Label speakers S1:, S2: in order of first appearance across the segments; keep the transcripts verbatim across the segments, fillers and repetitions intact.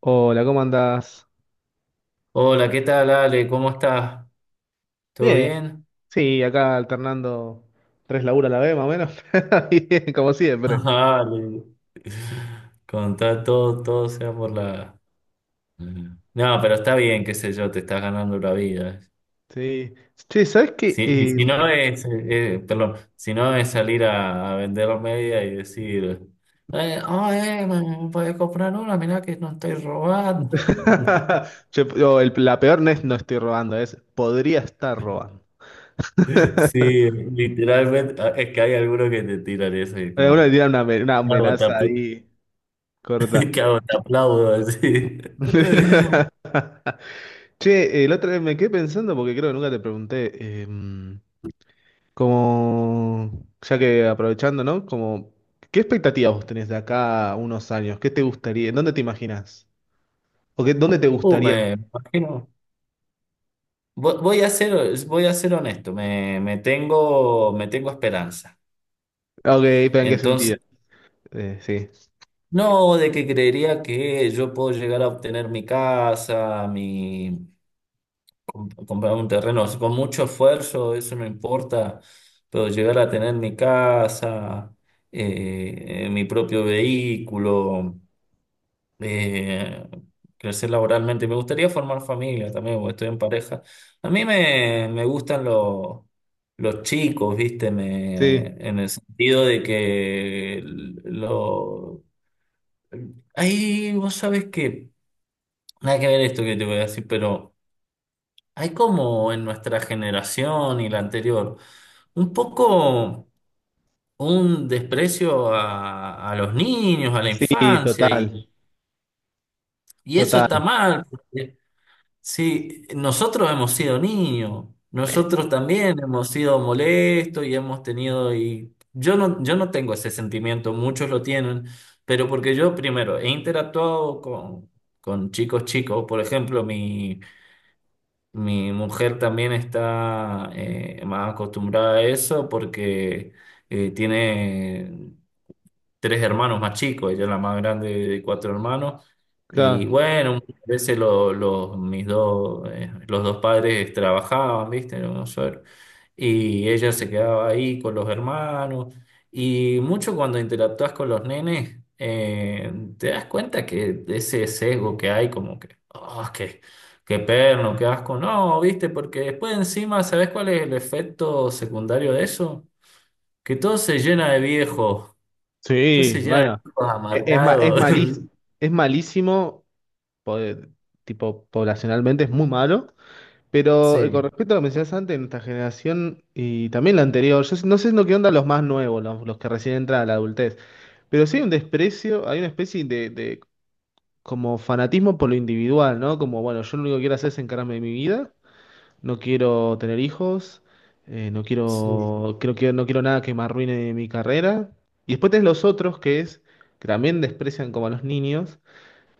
S1: Hola, ¿cómo andás?
S2: Hola, ¿qué tal, Ale? ¿Cómo estás? ¿Todo
S1: Bien,
S2: bien?
S1: sí, acá alternando tres laburos a la vez, más o menos. Bien, como siempre.
S2: Ale, contá todo, todo sea por la... No, pero está bien, qué sé yo, te estás ganando la vida.
S1: Sí. Che, ¿sabés qué?
S2: Si, y
S1: Eh,
S2: si no es, eh, eh, perdón, si no es salir a, a vender media y decir, eh, "Ah, eh, me me podés comprar una, mirá que no estoy robando.
S1: che, no, el- la peor no es "no estoy robando", es "podría estar robando".
S2: Sí, literalmente, ah, es que hay algunos que te tiran eso y
S1: Eh, Uno le
S2: como,
S1: tira una, ame- una
S2: ¿qué hago? Te
S1: amenaza
S2: apl-
S1: ahí corta.
S2: ¿qué hago? Te aplaudo, así.
S1: Che, el otro día me quedé pensando porque creo que nunca te pregunté. em, Como, ya que aprovechando, ¿no? Como, ¿qué expectativas vos tenés de acá a unos años? ¿Qué te gustaría? ¿En ¿Dónde te imaginas? ¿O qué, dónde te
S2: Uh,
S1: gustaría?
S2: me imagino. Vo- Voy a ser, voy a ser honesto, me, me tengo, me tengo esperanza.
S1: Ah, ok, pero ¿en qué sentido?
S2: Entonces,
S1: Eh, sí,
S2: no, de que creería que yo puedo llegar a obtener mi casa, mi, com- comprar un terreno, así con mucho esfuerzo, eso no importa, pero llegar a tener mi casa, eh, eh, mi propio vehículo. eh, Crecer laboralmente. Me gustaría formar familia también, porque estoy en pareja. A mí me, me gustan los, los chicos, ¿viste? Me,
S1: sí,
S2: en el sentido de que lo... Ahí, vos sabés que... Nada que ver esto que te voy a decir, pero hay como en nuestra generación y la anterior, un poco un desprecio a, a los niños, a la
S1: sí,
S2: infancia, y,
S1: total,
S2: y eso
S1: total,
S2: está mal. Sí, nosotros hemos sido niños, nosotros también hemos sido molestos y hemos tenido, y yo no, yo no tengo ese sentimiento, muchos lo tienen, pero porque yo primero he interactuado con, con chicos chicos, por ejemplo, mi, mi mujer también está eh, más acostumbrada a eso porque eh, tiene tres hermanos más chicos, ella es la más grande de cuatro hermanos. Y
S1: claro.
S2: bueno, muchas veces lo- los, mis dos, eh, los dos padres trabajaban, ¿viste? En Buenos Aires. Y ella se quedaba ahí con los hermanos. Y mucho cuando interactúas con los nenes, eh, te das cuenta que de ese sesgo que hay, como que, oh, qué, qué perno, qué asco. No, ¿viste? Porque después encima, ¿sabes cuál es el efecto secundario de eso? Que todo se llena de viejos. Entonces
S1: Sí,
S2: se llena de
S1: bueno,
S2: tipos
S1: e- es, ma- es,
S2: amargados.
S1: malís- es malísimo, po- eh, tipo, poblacionalmente es muy malo. Pero eh, con
S2: Sí,
S1: respecto a lo que mencionaste antes, nuestra generación y también la anterior, yo no sé no qué onda los más nuevos, los, los que recién entran a la adultez, pero sí hay un desprecio, hay una especie de, de como fanatismo por lo individual, ¿no? Como, bueno, yo lo único que quiero hacer es encargarme de mi vida, no quiero tener hijos, eh, no
S2: sí.
S1: quiero, creo que no quiero nada que me arruine mi carrera. Y después tenés los otros que es, que también desprecian como a los niños,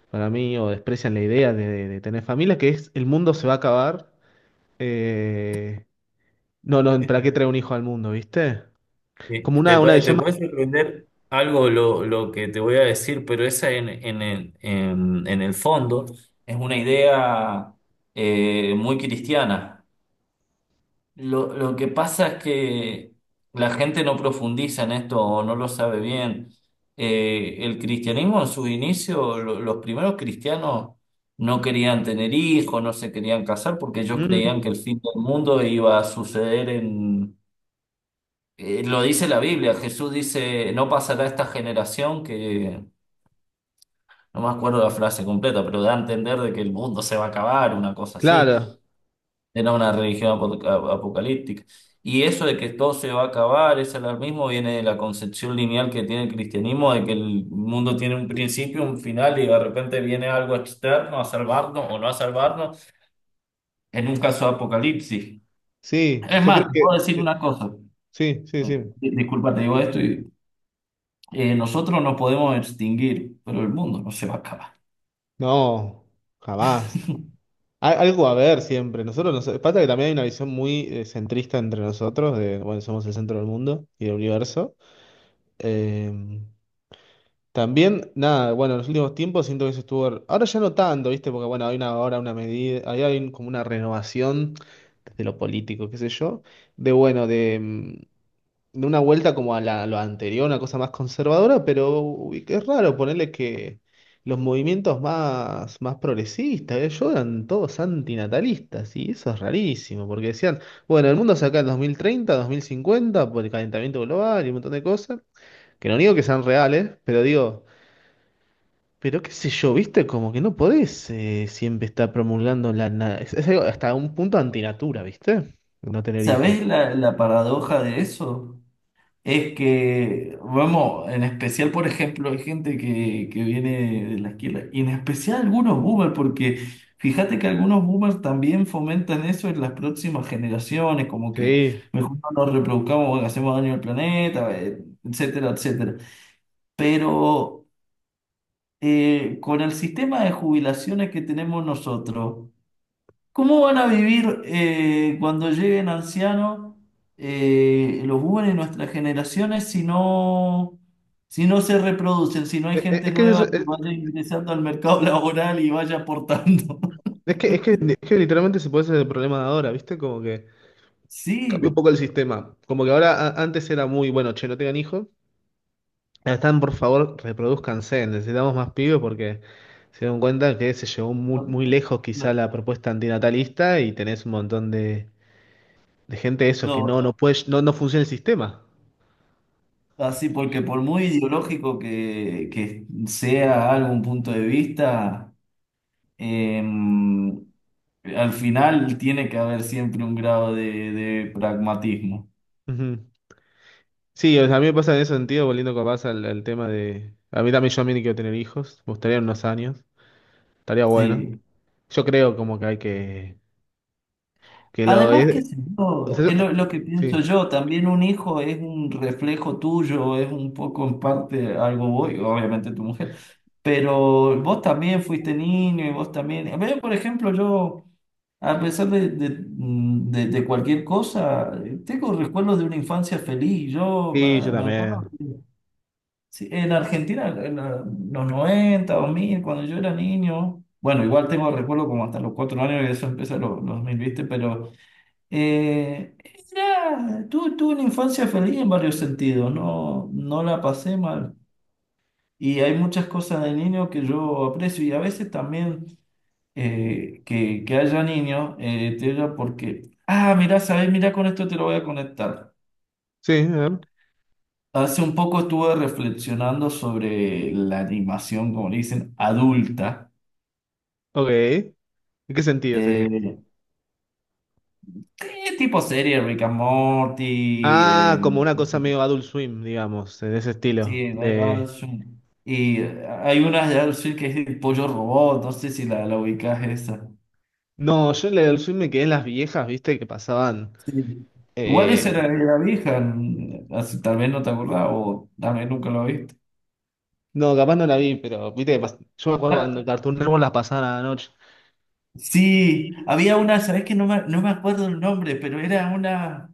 S1: para mí, o desprecian la idea de, de tener familia, que es el mundo se va a acabar. eh, no, no, ¿para qué trae un hijo al mundo, viste?
S2: Eh,
S1: Como
S2: Te
S1: una, una
S2: puede, te
S1: visión más...
S2: puede sorprender algo lo, lo que te voy a decir, pero esa en, en el, en, en el fondo es una idea eh, muy cristiana. Lo, lo que pasa es que la gente no profundiza en esto o no lo sabe bien. Eh, el cristianismo en su inicio, lo- los primeros cristianos no querían tener hijos, no se querían casar porque ellos
S1: Mm,
S2: creían que el fin del mundo iba a suceder en... eh, lo dice la Biblia, Jesús dice, no pasará esta generación que... No me acuerdo la frase completa, pero da a entender de que el mundo se va a acabar, una cosa así.
S1: claro,
S2: Era una religión apo- a- apocalíptica. Y eso de que todo se va a acabar, ese alarmismo viene de la concepción lineal que tiene el cristianismo, de que el mundo tiene un principio, un final, y de repente viene algo externo a salvarnos o no a salvarnos, en un caso de apocalipsis.
S1: sí,
S2: Es
S1: yo creo
S2: más, te puedo decir
S1: que...
S2: una cosa,
S1: Sí, sí, sí.
S2: Di- disculpa, te digo esto, y, eh, nosotros no podemos extinguir, pero el mundo no se va a acabar.
S1: No, jamás. Hay algo a ver siempre. Nosotros nos... Pasa que también hay una visión muy eh, centrista entre nosotros, de, bueno, somos el centro del mundo y del universo. Eh, también, nada, bueno, en los últimos tiempos siento que eso estuvo... Ahora ya no tanto, viste, porque bueno, hay una ahora una medida, ahí hay un- como una renovación desde lo político, qué sé yo, de bueno, de... em, de una vuelta como a la, lo anterior, una cosa más conservadora, pero uy, es raro ponerle que los movimientos más, más progresistas, eh, yo eran todos antinatalistas, y eso es rarísimo, porque decían, bueno, el mundo se acaba en dos dos mil treinta, dos mil cincuenta por el calentamiento global y un montón de cosas, que no digo que sean reales, pero digo... Pero qué sé yo, viste, como que no podés eh, siempre estar promulgando la... na- Es, es algo hasta un punto antinatura, viste, no tener hijos.
S2: ¿Sabés la, la paradoja de eso? Es que, vamos, en especial, por ejemplo, hay gente que, que viene de la izquierda, y en especial algunos boomers, porque fíjate que algunos boomers también fomentan eso en las próximas generaciones, como que
S1: Sí.
S2: mejor no nos reproduzcamos, hacemos daño al planeta, eh, etcétera, etcétera. Pero eh, con el sistema de jubilaciones que tenemos nosotros, ¿cómo van a vivir eh, cuando lleguen ancianos eh, los jóvenes de nuestras generaciones si no, si no se reproducen, si no hay
S1: Es, es-
S2: gente
S1: es que es,
S2: nueva que vaya ingresando al mercado laboral y vaya aportando?
S1: Es que, es que, es que literalmente se puede hacer el problema de ahora, ¿viste? Como que cambió un
S2: Sí,
S1: poco el sistema. Como que ahora a- antes era muy, bueno, che, no tengan hijos. Ahora están, por favor, reproduzcanse. Necesitamos más pibes porque se dan cuenta que se llevó muy,
S2: no,
S1: muy lejos quizá
S2: no,
S1: la propuesta antinatalista y tenés un montón de, de gente eso que
S2: no,
S1: no, no puede, no, no funciona el sistema.
S2: así porque por muy ideológico que, que sea algún punto de vista, em, al final tiene que haber siempre un grado de de pragmatismo.
S1: Ujú. Sí, o sea, a mí me pasa en ese sentido, volviendo capaz al, al tema de... A mí también, yo a mí ni quiero tener hijos, me gustaría en unos años, estaría bueno.
S2: Sí.
S1: Yo creo como que hay que... Que lo
S2: Además, que
S1: es.
S2: es
S1: O
S2: lo,
S1: eh,
S2: lo que pienso
S1: sí,
S2: yo, también un hijo es un reflejo tuyo, es un poco en parte algo voy, obviamente tu mujer, pero vos también fuiste niño y vos también. A ver, por ejemplo, yo, a pesar de, de, mm, de- de cualquier cosa, eh, tengo recuerdos de una infancia feliz. Yo
S1: sí, yo
S2: me, me acuerdo
S1: también.
S2: que sí, en Argentina, en la- los noventa, mil cuando yo era niño, bueno, igual tengo recuerdos como hasta los cuatro años y eso empecé los, los dos mil, ¿viste? Pero. Eh, era- tu- tuve una infancia feliz en varios sentidos, no, no la pasé mal. Y hay muchas cosas de niño que yo aprecio y a veces también eh, que, que haya niños, eh, te digo porque, ah, mira, sabes, mira, con esto te lo voy a conectar.
S1: Sí, a ver.
S2: Hace un poco estuve reflexionando sobre la animación, como le dicen, adulta.
S1: Ok. ¿En qué sentido sería?
S2: Eh, eh, tipo serie, Rick and Morty,
S1: Ah, como
S2: em,
S1: una cosa medio Adult Swim, digamos, en ese estilo.
S2: sí, Guy
S1: De...
S2: Adolfson. Y eh, hay una de Adolfson que es el pollo robot, no sé si la, la ubicás esa.
S1: No, yo en el Adult Swim me quedé en las viejas, viste, que pasaban.
S2: Sí. Igual esa
S1: eh,
S2: era la vieja, n- así, tal vez no te acordás o tal vez nunca lo viste.
S1: No, capaz no la vi, pero viste que pas- yo me acuerdo cuando el
S2: Ah,
S1: Cartoon Network las pasaban a la noche.
S2: sí, había una, sabés que no me, no me acuerdo el nombre, pero era una,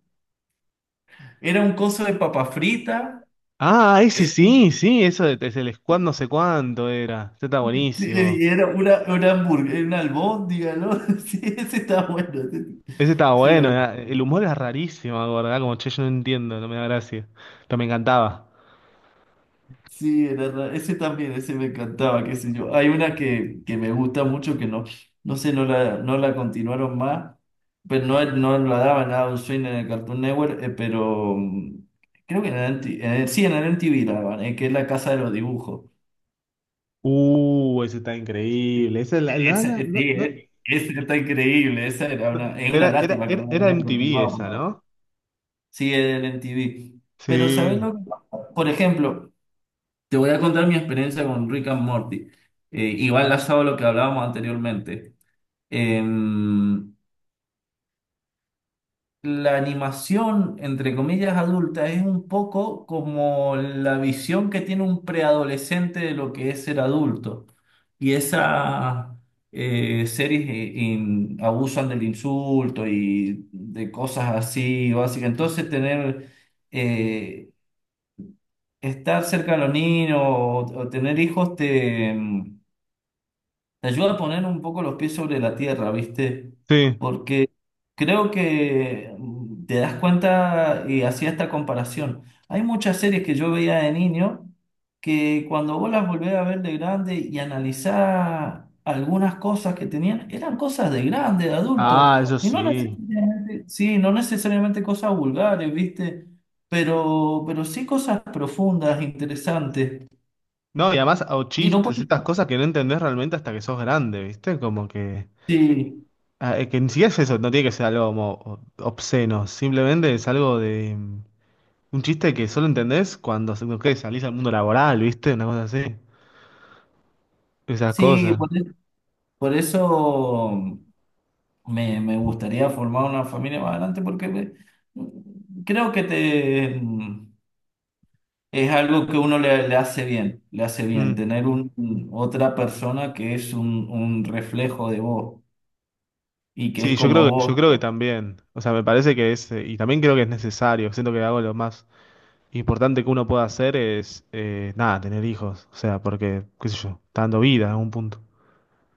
S2: era un coso de papa frita,
S1: Ah, ese
S2: era, un-
S1: sí, sí, eso de es el Squad no sé cuánto era. Ese está
S2: sí,
S1: buenísimo.
S2: y era una, una hamburguesa, una albóndiga, ¿no? Sí, ese está bueno. ese-
S1: Ese estaba bueno,
S2: ese
S1: era- el humor era rarísimo, ¿verdad? Como che, yo no entiendo, no me da gracia. Pero me encantaba.
S2: Sí, era ra- ese también, ese me encantaba, qué sé yo. Hay una que, que me gusta mucho que no, no sé, no la, no la continuaron más, pero no, no la daban a un swing en el Cartoon Network, eh, pero mm, creo que en el, M T en el- sí, en el M T V la daban, eh, que es la casa de los dibujos.
S1: Uh, ese está
S2: E,
S1: increíble. Esa la, la-
S2: Esa,
S1: la-
S2: eh, sí,
S1: no- no-
S2: eh, esa está increíble, esa era una,
S1: no.
S2: es una
S1: Era, era,
S2: lástima que
S1: era,
S2: no la
S1: era
S2: hayan
S1: M T V
S2: continuado,
S1: esa,
S2: porque
S1: ¿no?
S2: sí, en el M T V. Pero, ¿sabes
S1: Sí,
S2: lo que pasa? Por ejemplo, te voy a contar mi experiencia con Rick and Morty. Eh, y va enlazado a lo que hablábamos anteriormente. Em, la animación, entre comillas, adulta es un poco como la visión que tiene un preadolescente de lo que es ser adulto. Y esas eh, series eh, in- abusan del insulto y de cosas así básicas. Entonces, tener, eh, estar cerca de los niños o, o tener hijos te... em, te ayuda a poner un poco los pies sobre la tierra, ¿viste?
S1: sí.
S2: Porque creo que mm, te das cuenta y hacía esta comparación. Hay muchas series que yo veía de niño que cuando vos las volvés a ver de grande y analizás algunas cosas que tenían, eran cosas de grande, de adultos,
S1: Ah, eso
S2: y no
S1: sí.
S2: necesariamente, sí, no necesariamente cosas vulgares, ¿viste? Pero, pero sí cosas profundas, interesantes.
S1: No, y además, o
S2: Y no
S1: chistes,
S2: puedes,
S1: estas cosas que no entendés realmente hasta que sos grande, ¿viste? Como que.
S2: sí,
S1: ah, eh, que ni siquiera es eso, no tiene que ser algo como o- obsceno. Simplemente es algo de. mm, Un chiste que solo entendés cuando se- no sé, salís al mundo laboral, ¿viste? Una cosa así. Esas
S2: sí,
S1: cosas.
S2: por Por eso me, me gustaría formar una familia más adelante, porque me- creo que te, mm, es algo que uno le, le hace bien, le hace bien
S1: Mm.
S2: tener un, otra persona que es un, un reflejo de vos y que es
S1: Sí, yo
S2: como
S1: creo que, yo
S2: vos.
S1: creo que también. O sea, me parece que es, eh, y también creo que es necesario. Siento que algo de lo más importante que uno puede hacer es, eh, nada, tener hijos. O sea, porque, qué sé yo, está dando vida a un punto.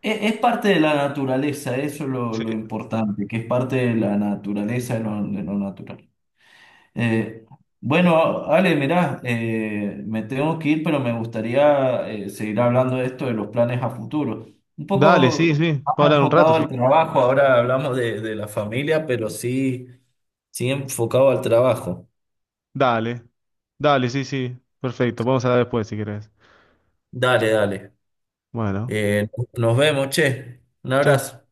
S2: E- Es, parte de la naturaleza, eso es lo,
S1: Sí.
S2: lo importante, que es parte de la naturaleza, de lo, de lo natural. Eh, bueno, Ale, mirá, eh, me tengo que ir, pero me gustaría eh, seguir hablando de esto, de los planes a futuro. Un
S1: Dale, sí,
S2: poco
S1: sí. Puedo
S2: más
S1: hablar un rato,
S2: enfocado
S1: sí.
S2: al trabajo, ahora hablamos de, de la familia, pero sí, sí enfocado al trabajo.
S1: Dale. Dale, sí, sí. Perfecto. Vamos a hablar después si querés.
S2: Dale, dale.
S1: Bueno.
S2: Eh, nos vemos, che. Un
S1: Chau,
S2: abrazo.